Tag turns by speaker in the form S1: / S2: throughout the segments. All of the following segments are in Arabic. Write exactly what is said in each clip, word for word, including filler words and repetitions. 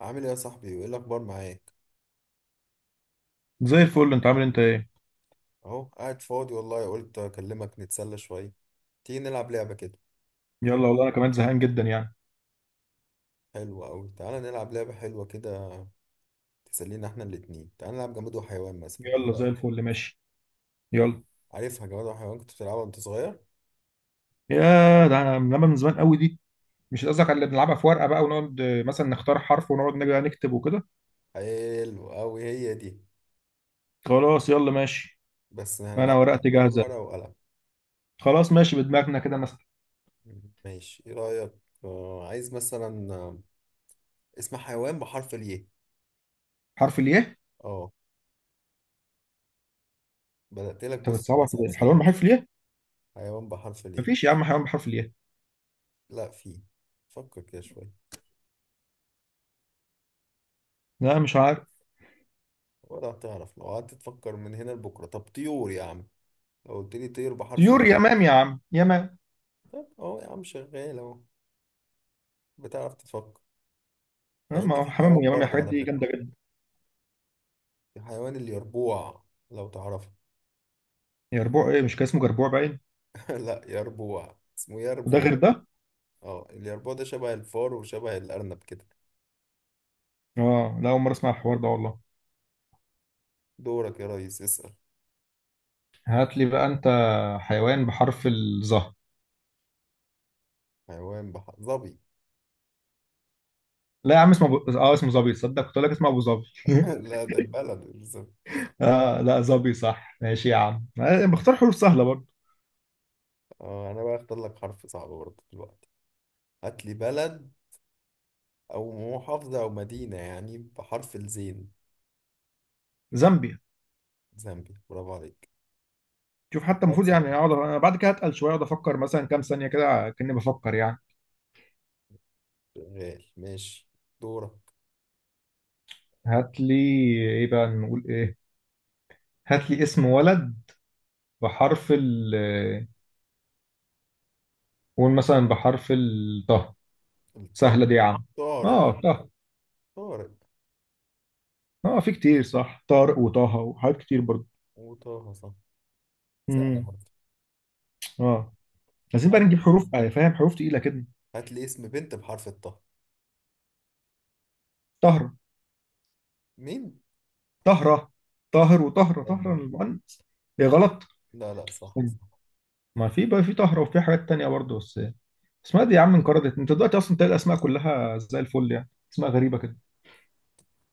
S1: عامل ايه يا صاحبي، وايه الاخبار معاك؟
S2: زي الفل، انت عامل إيه؟ انت ايه
S1: اهو قاعد فاضي والله، قلت اكلمك نتسلى شويه. تيجي نلعب لعبه كده؟
S2: يلا والله انا كمان زهقان جدا يعني.
S1: حلوه قوي، تعالى نلعب لعبه حلوه كده تسلينا احنا الاتنين. تعالى نلعب جماد وحيوان مثلا، إيه
S2: يلا زي
S1: رأيك؟
S2: الفل، ماشي. يلا.
S1: عارفها جماد وحيوان، كنت بتلعبها وانت صغير.
S2: يا ده انا لما من زمان قوي دي. مش قصدك على اللي بنلعبها في ورقه بقى ونقعد، آه، مثلا نختار حرف ونقعد نجي نكتب وكده.
S1: حلو قوي هي دي،
S2: خلاص يلا ماشي.
S1: بس
S2: انا
S1: هنلعبها بقى
S2: ورقتي
S1: من غير
S2: جاهزه.
S1: ورقه وقلم.
S2: خلاص ماشي، بدماغنا كده مثلا.
S1: ماشي، ايه رايك؟ آه عايز مثلا آه، اسم حيوان بحرف الياء.
S2: حرف الياء.
S1: اه، بدأت لك
S2: انت
S1: بص
S2: بتصعبها
S1: بأصعب
S2: كده، حيوان
S1: سؤال.
S2: بحرف الياء؟
S1: حيوان بحرف الياء؟
S2: مفيش يا عم حيوان بحرف الياء.
S1: لا فيه، فكر كده شويه.
S2: لا مش عارف.
S1: ولا هتعرف لو قعدت تفكر من هنا لبكره. طب طيور يا عم، لو قلت لي طير بحرف
S2: طيور،
S1: النيل.
S2: يمام يا عم، يمام.
S1: طب اهو يا عم، شغال اهو، بتعرف تفكر.
S2: اه،
S1: مع
S2: ما
S1: ان
S2: هو
S1: في
S2: حمام
S1: حيوان
S2: ويمام
S1: برضه
S2: الحاجات
S1: على
S2: دي
S1: فكره،
S2: جامده جدا.
S1: الحيوان اليربوع، لو تعرفه.
S2: يربوع ايه؟ مش كان اسمه جربوع باين؟
S1: لا، يربوع اسمه
S2: وده
S1: يربوع.
S2: غير ده؟
S1: اه، اليربوع ده شبه الفار وشبه الارنب كده.
S2: اه لا، اول مره اسمع الحوار ده والله.
S1: دورك يا ريس، اسال.
S2: هات لي بقى انت. حيوان بحرف الظهر.
S1: حيوان بحر ظبي.
S2: لا يا عم اسمه ب... اه اسمه ظبي. تصدق كنت اقول لك اسمه ابو ظبي.
S1: لا، ده البلد الظبي.
S2: اه لا، ظبي صح ماشي يا عم. آه، بختار حروف سهله برضه.
S1: اه، انا بقى اختار لك حرف صعب برضه دلوقتي. هات لي بلد او محافظه او مدينه يعني بحرف الزين.
S2: زامبيا.
S1: زامبيا؟ برافو عليك.
S2: شوف حتى
S1: لا
S2: المفروض
S1: بصراحة،
S2: يعني اقعد انا بعد كده هتقل شويه، اقعد افكر مثلا كام ثانيه كده كاني بفكر يعني.
S1: شغال، ماشي. دورك.
S2: هات لي. ايه بقى نقول ايه؟ هات لي اسم ولد بحرف ال آه، قول مثلا بحرف الطه.
S1: الطا؟
S2: سهله دي يا عم.
S1: طارق.
S2: اه طه.
S1: طارق
S2: اه في كتير صح، طارق وطه وحاجات كتير برضه.
S1: وطه، صح، سهلة
S2: امم.
S1: برضه.
S2: اه عايزين بقى
S1: هات
S2: نجيب
S1: لي،
S2: حروف، آه، فاهم، حروف تقيلة كده.
S1: هات لي اسم بنت بحرف الطه.
S2: طهر.
S1: مين؟
S2: طهرة. طاهر وطهرة، طهرة
S1: طاهرة.
S2: المؤنث. هي غلط.
S1: لا لا، صح صح.
S2: ما في بقى، في طهرة وفي حاجات تانية برضه بس. اسمها دي يا عم انقرضت، انت دلوقتي اصلا تلاقي الاسماء كلها زي الفل، يعني اسماء غريبة كده.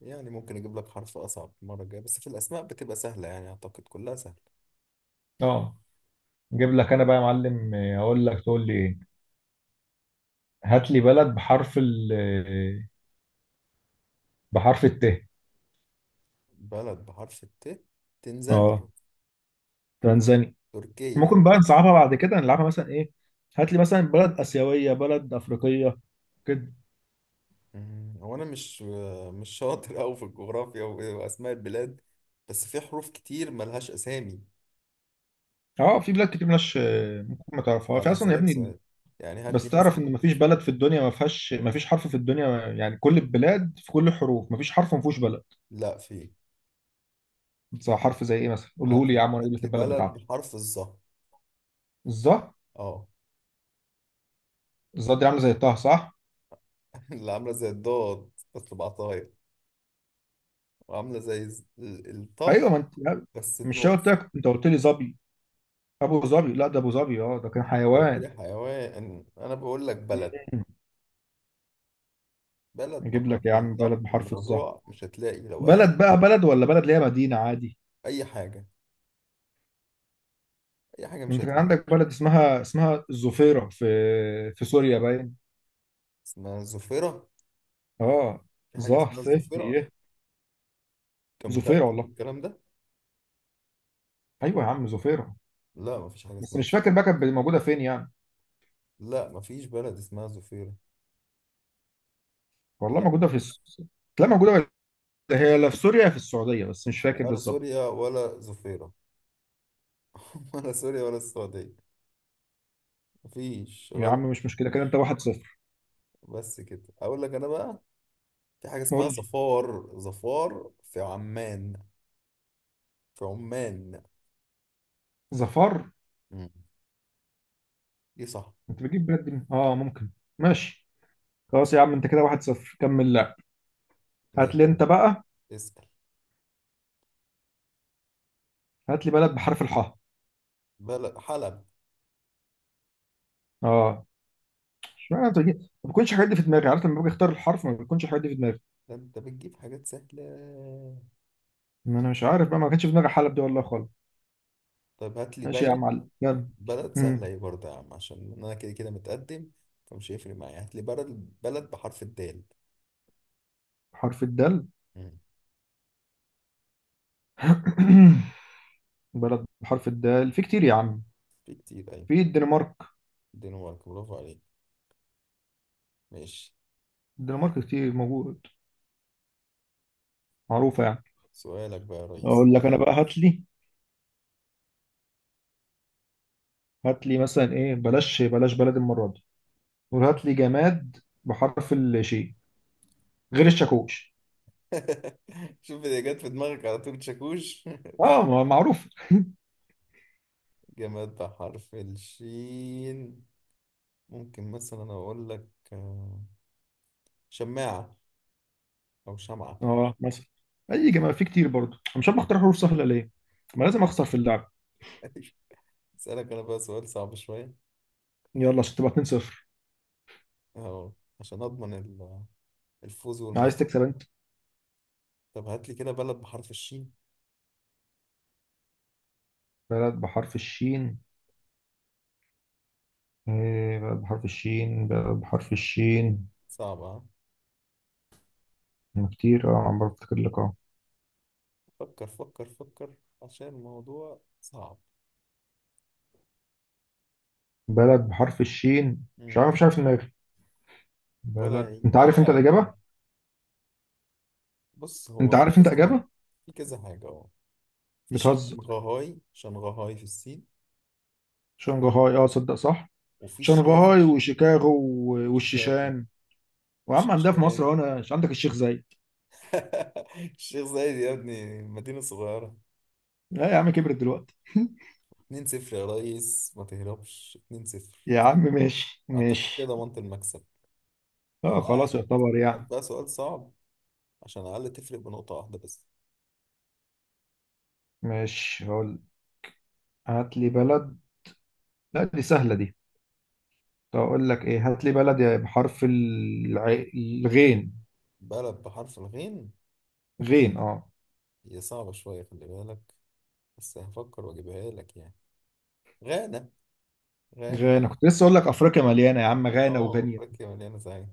S1: يعني ممكن اجيب لك حرف اصعب المرة الجاية، بس في الاسماء بتبقى سهلة يعني، اعتقد كلها سهلة.
S2: اه. نجيب لك انا بقى يا معلم. آه، اقول لك تقول لي ايه. هات لي بلد بحرف ال آه، بحرف الت.
S1: بلد بحرف الت؟ تنزانيا.
S2: اه تنزانيا.
S1: تركيا.
S2: ممكن بقى نصعبها بعد كده، نلعبها مثلا ايه؟ هات لي مثلا بلد اسيوية، بلد افريقية كده.
S1: مم، هو انا مش مش شاطر أوي في الجغرافيا و- واسماء البلاد، بس في حروف كتير ملهاش اسامي.
S2: اه في بلاد كتير مش ممكن ما تعرفها، في
S1: يعني
S2: اصلا يا
S1: هسألك
S2: ابني.
S1: سؤال، يعني هات
S2: بس
S1: لي مثلا.
S2: تعرف ان مفيش بلد في الدنيا ما فيهاش، مفيش حرف في الدنيا يعني، كل البلاد في كل الحروف، مفيش حرف ما فيهوش بلد.
S1: لا في.
S2: صح، حرف زي ايه مثلا، قوله
S1: هات
S2: لي يا
S1: لي
S2: عم وانا اقول
S1: هات
S2: لك
S1: لي
S2: البلد
S1: بلد
S2: بتاعته.
S1: بحرف الظا.
S2: الظا.
S1: اه.
S2: الظا دي عامله زي طه صح.
S1: اللي عامله زي الضاد بس بعطايا، وعامله زي الز- ال- الطا،
S2: ايوه ما انت لا،
S1: بس
S2: مش أنا
S1: بنقطة.
S2: قلت لك، انت قلت لي ظبي. ابو ظبي، لا ده ابو ظبي اه ده كان
S1: انت قلت لي
S2: حيوان.
S1: حيوان، انا بقول لك بلد.
S2: مم.
S1: بلد
S2: اجيب لك
S1: بحرف
S2: يا عم بلد
S1: الظا،
S2: بحرف الظا.
S1: الموضوع مش هتلاقي لو قلبت.
S2: بلد بقى بلد، ولا بلد اللي هي مدينه عادي.
S1: اي حاجه، اي حاجه، مش
S2: انت كان
S1: هتلاقي.
S2: عندك بلد اسمها، اسمها الظفيره، في في سوريا باين.
S1: اسمها الظفيره؟
S2: اه.
S1: في حاجه
S2: ظه
S1: اسمها
S2: فه
S1: الظفيره؟
S2: يه.
S1: انت
S2: زفيرة
S1: متاكد من
S2: والله.
S1: الكلام ده؟
S2: ايوه يا عم زفيرة.
S1: لا مفيش حاجه
S2: بس
S1: اسمها
S2: مش
S1: ظفيره.
S2: فاكر بقى كانت موجودة فين يعني.
S1: لا مفيش بلد اسمها ظفيره.
S2: والله
S1: لا،
S2: موجودة في الس... لا موجودة ولا هي، لا في سوريا يا في السعودية، بس مش فاكر
S1: ولا
S2: بالظبط.
S1: سوريا ولا ظفيره. ولا سوريا ولا السعوديه. مفيش،
S2: يا
S1: غلط.
S2: عم مش مشكلة، كده انت واحد صفر.
S1: بس كده اقول لك انا بقى، في حاجه
S2: قول
S1: اسمها
S2: لي.
S1: ظفار، ظفار في عمان. في عمان.
S2: ظفر.
S1: مم. دي صح.
S2: انت بتجيب بلاد دي؟ اه ممكن. ماشي. خلاص يا عم، انت كده واحد صفر كمل لا. هات لي
S1: ماشي يا
S2: انت
S1: ودي.
S2: بقى.
S1: اسال.
S2: هات لي بلد بحرف الحاء.
S1: بلد، حلب.
S2: اه مش معنى انت بتجيب- ما بيكونش الحاجات دي في دماغي، عارف لما باجي اختار الحرف ما بيكونش الحاجات دي في دماغي.
S1: ده انت بتجيب حاجات سهله.
S2: ما انا مش عارف بقى، ما كانش في دماغي حلب دي والله خالص.
S1: طيب هات لي
S2: ماشي يا عم
S1: بلد،
S2: علي، يلا.
S1: بلد سهله
S2: مم.
S1: ايه برضه يا عم، عشان انا كده كده متقدم فمش هيفرق معايا. هات لي بلد، بلد بحرف الدال.
S2: حرف الدال.
S1: مم.
S2: بلد بحرف الدال في كتير يا عم.
S1: في كتير، ايوه.
S2: في الدنمارك.
S1: دنمارك، برافو عليك. ماشي.
S2: الدنمارك كتير موجود، معروفة يعني.
S1: سؤالك بقى يا ريس.
S2: أقول لك أنا بقى. هات لي، هات لي مثلا إيه، بلاش بلاش بلد المرة دي. قول هات لي جماد بحرف الشين، غير الشاكوش.
S1: شوف اللي جت في دماغك على طول، شاكوش.
S2: أه ما- معروف.
S1: جماد بحرف الشين. ممكن مثلا أقول لك آه، شماعة، أو شمعة.
S2: أه مثلا. أي جماد في كتير برضه، أنا مش عارف أختار حروف سهلة ليه، ما لازم أخسر في اللعب.
S1: أسألك أنا بقى سؤال صعب شوية،
S2: يلا عشان تبقى اتنين صفر.
S1: أهو عشان أضمن ال- الفوز والمكسب.
S2: عايز تكسب أنت.
S1: طب هات لي كده بلد بحرف الشين.
S2: بلد بحرف الشين. إيه بلد بحرف الشين، بلد بحرف الشين،
S1: صعبة ها؟
S2: كتير اه، عم بفتكر لك.
S1: فكر فكر فكر، عشان الموضوع صعب.
S2: بلد بحرف الشين، مش
S1: مم.
S2: عارف مش عارف دماغي.
S1: ولا
S2: بلد،
S1: هي-
S2: انت عارف
S1: ولا
S2: انت
S1: هجيب.
S2: الاجابه.
S1: بص، هو
S2: انت
S1: في
S2: عارف انت
S1: كذا حاجة،
S2: اجابه.
S1: في كذا حاجة أهو. في
S2: بتهزر.
S1: شنغهاي، شنغهاي في الصين،
S2: شنغهاي، اه صدق صح.
S1: وفي الشام.
S2: شنغهاي وشيكاغو، و-
S1: شيكاغو
S2: والشيشان. وعم عندها في
S1: وشيشان.
S2: مصر هنا، مش عندك الشيخ زايد؟
S1: الشيخ زايد يا ابني مدينة صغيرة.
S2: لا يا عم كبرت دلوقتي.
S1: اتنين صفر يا ريس، ما تهربش، اتنين صفر.
S2: يا عم ماشي
S1: أعتقد كده
S2: ماشي.
S1: ضمنت المكسب،
S2: اه
S1: فبقى
S2: خلاص يعتبر
S1: هات
S2: يعني.
S1: بقى سؤال صعب، عشان على الأقل تفرق بنقطة واحدة بس.
S2: ماشي هقول. هات لي بلد. لا دي سهله دي. طب اقول لك ايه، هات لي بلد يا بحرف الع... الغين.
S1: بلد بحرف الغين.
S2: غين اه.
S1: هي صعبة شوية، خلي بالك، بس هفكر وأجيبها لك يعني. غانا. غانا.
S2: غانا، كنت لسه اقول لك افريقيا مليانه يا عم، غانا
S1: اه،
S2: وغينيا.
S1: أفريقيا مليانة زعيم.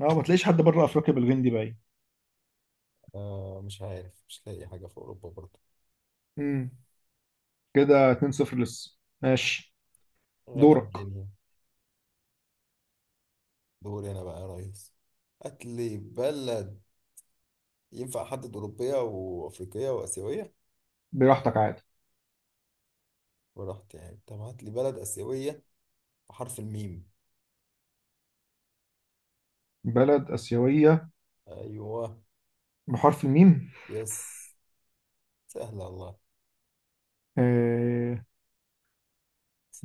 S2: اه ما تلاقيش حد بره افريقيا بالجندي باين.
S1: آه، مش عارف، مش لاقي حاجة في أوروبا برضه.
S2: امم. كده اتنين صفر لسه. ماشي.
S1: غانا
S2: دورك.
S1: مليانة. دوري أنا بقى يا ريس. هات لي بلد، ينفع أحدد أوروبية وأفريقية وآسيوية؟
S2: براحتك عادي.
S1: ورحت يعني، طب هات لي بلد آسيوية بحرف الميم.
S2: بلد آسيوية
S1: أيوه.
S2: بحرف الميم.
S1: يس، سهلة، الله.
S2: آه...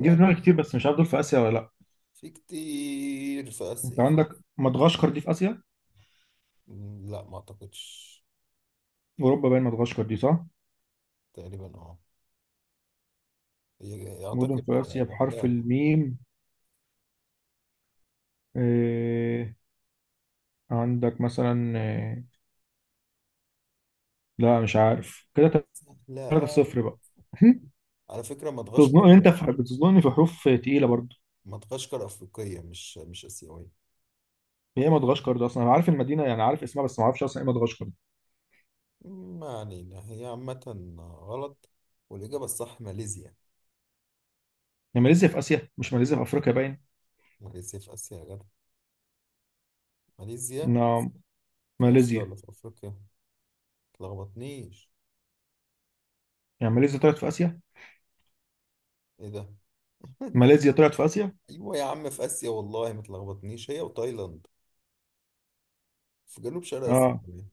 S2: جه في دماغي كتير
S1: دي.
S2: بس مش عارف دول في آسيا ولا لأ.
S1: في كتير في
S2: أنت
S1: آسيا.
S2: عندك مدغشقر دي في آسيا؟
S1: مم، لا، ما أعتقدش.
S2: أوروبا باين مدغشقر دي صح؟
S1: تقريبا أه، هي-
S2: مدن
S1: أعتقد
S2: في آسيا بحرف
S1: لوحدها كده.
S2: الميم. آه... عندك مثلا آه... لا مش عارف كده.
S1: سهلة
S2: تلاتة صفر
S1: أوي.
S2: بقى.
S1: على فكرة
S2: تظنني أنت
S1: مدغشقر،
S2: في... بتظنني في حروف تقيلة برضه.
S1: مدغشقر أفريقية مش مش آسيوية.
S2: هي مدغشقر ده أصلا أنا عارف المدينة، يعني عارف اسمها بس ما أعرفش أصلا إيه مدغشقر.
S1: مم، ما علينا هي عامة. غلط، والإجابة الصح ماليزيا.
S2: يعني ماليزيا في اسيا، مش ماليزيا في افريقيا باين؟
S1: ماليزيا في آسيا يا جدع، ماليزيا
S2: نعم.
S1: في آسيا
S2: ماليزيا.
S1: ولا في أفريقيا؟ متلخبطنيش.
S2: يعني ماليزيا طلعت في اسيا؟
S1: إيه ده؟
S2: ماليزيا طلعت في اسيا.
S1: ايوه يا عم في اسيا، والله ما تلخبطنيش، هي وتايلاند في جنوب شرق اسيا
S2: اه
S1: كمان.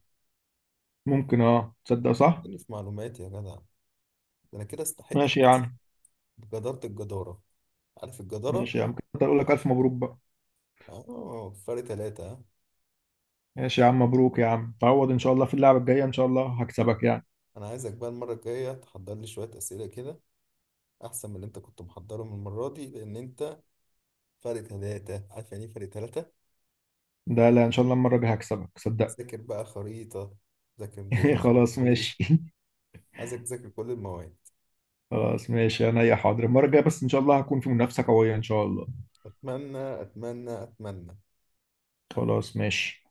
S2: ممكن، اه تصدق صح.
S1: لخبطتني في معلوماتي يا جدع ده. انا كده استحق
S2: ماشي يا
S1: نفسي
S2: عم.
S1: بجدارة، الجدارة، عارف الجدارة؟
S2: ماشي يا عم، كنت اقول لك الف مبروك بقى.
S1: اه، فرق تلاتة ها؟
S2: ماشي يا عم، مبروك يا عم، تعوض ان شاء الله في اللعبه الجايه، ان شاء الله هكسبك يعني.
S1: انا عايزك بقى المرة الجاية تحضر لي شوية اسئلة كده، احسن من اللي انت كنت محضرهم المرة دي، لان انت فرق تلاتة، عارف يعني ايه فرق تلاتة؟
S2: ده لا، ان شاء الله المره الجايه هكسبك صدقني.
S1: ذاكر بقى خريطة، ذاكر جغرافيا
S2: خلاص
S1: وتاريخ،
S2: ماشي.
S1: عايزك تذاكر كل المواد.
S2: خلاص ماشي انا، يا حاضر المره الجايه بس، ان شاء الله هكون في منافسه قويه ان شاء الله.
S1: اتمنى اتمنى اتمنى.
S2: خلاص ماشي.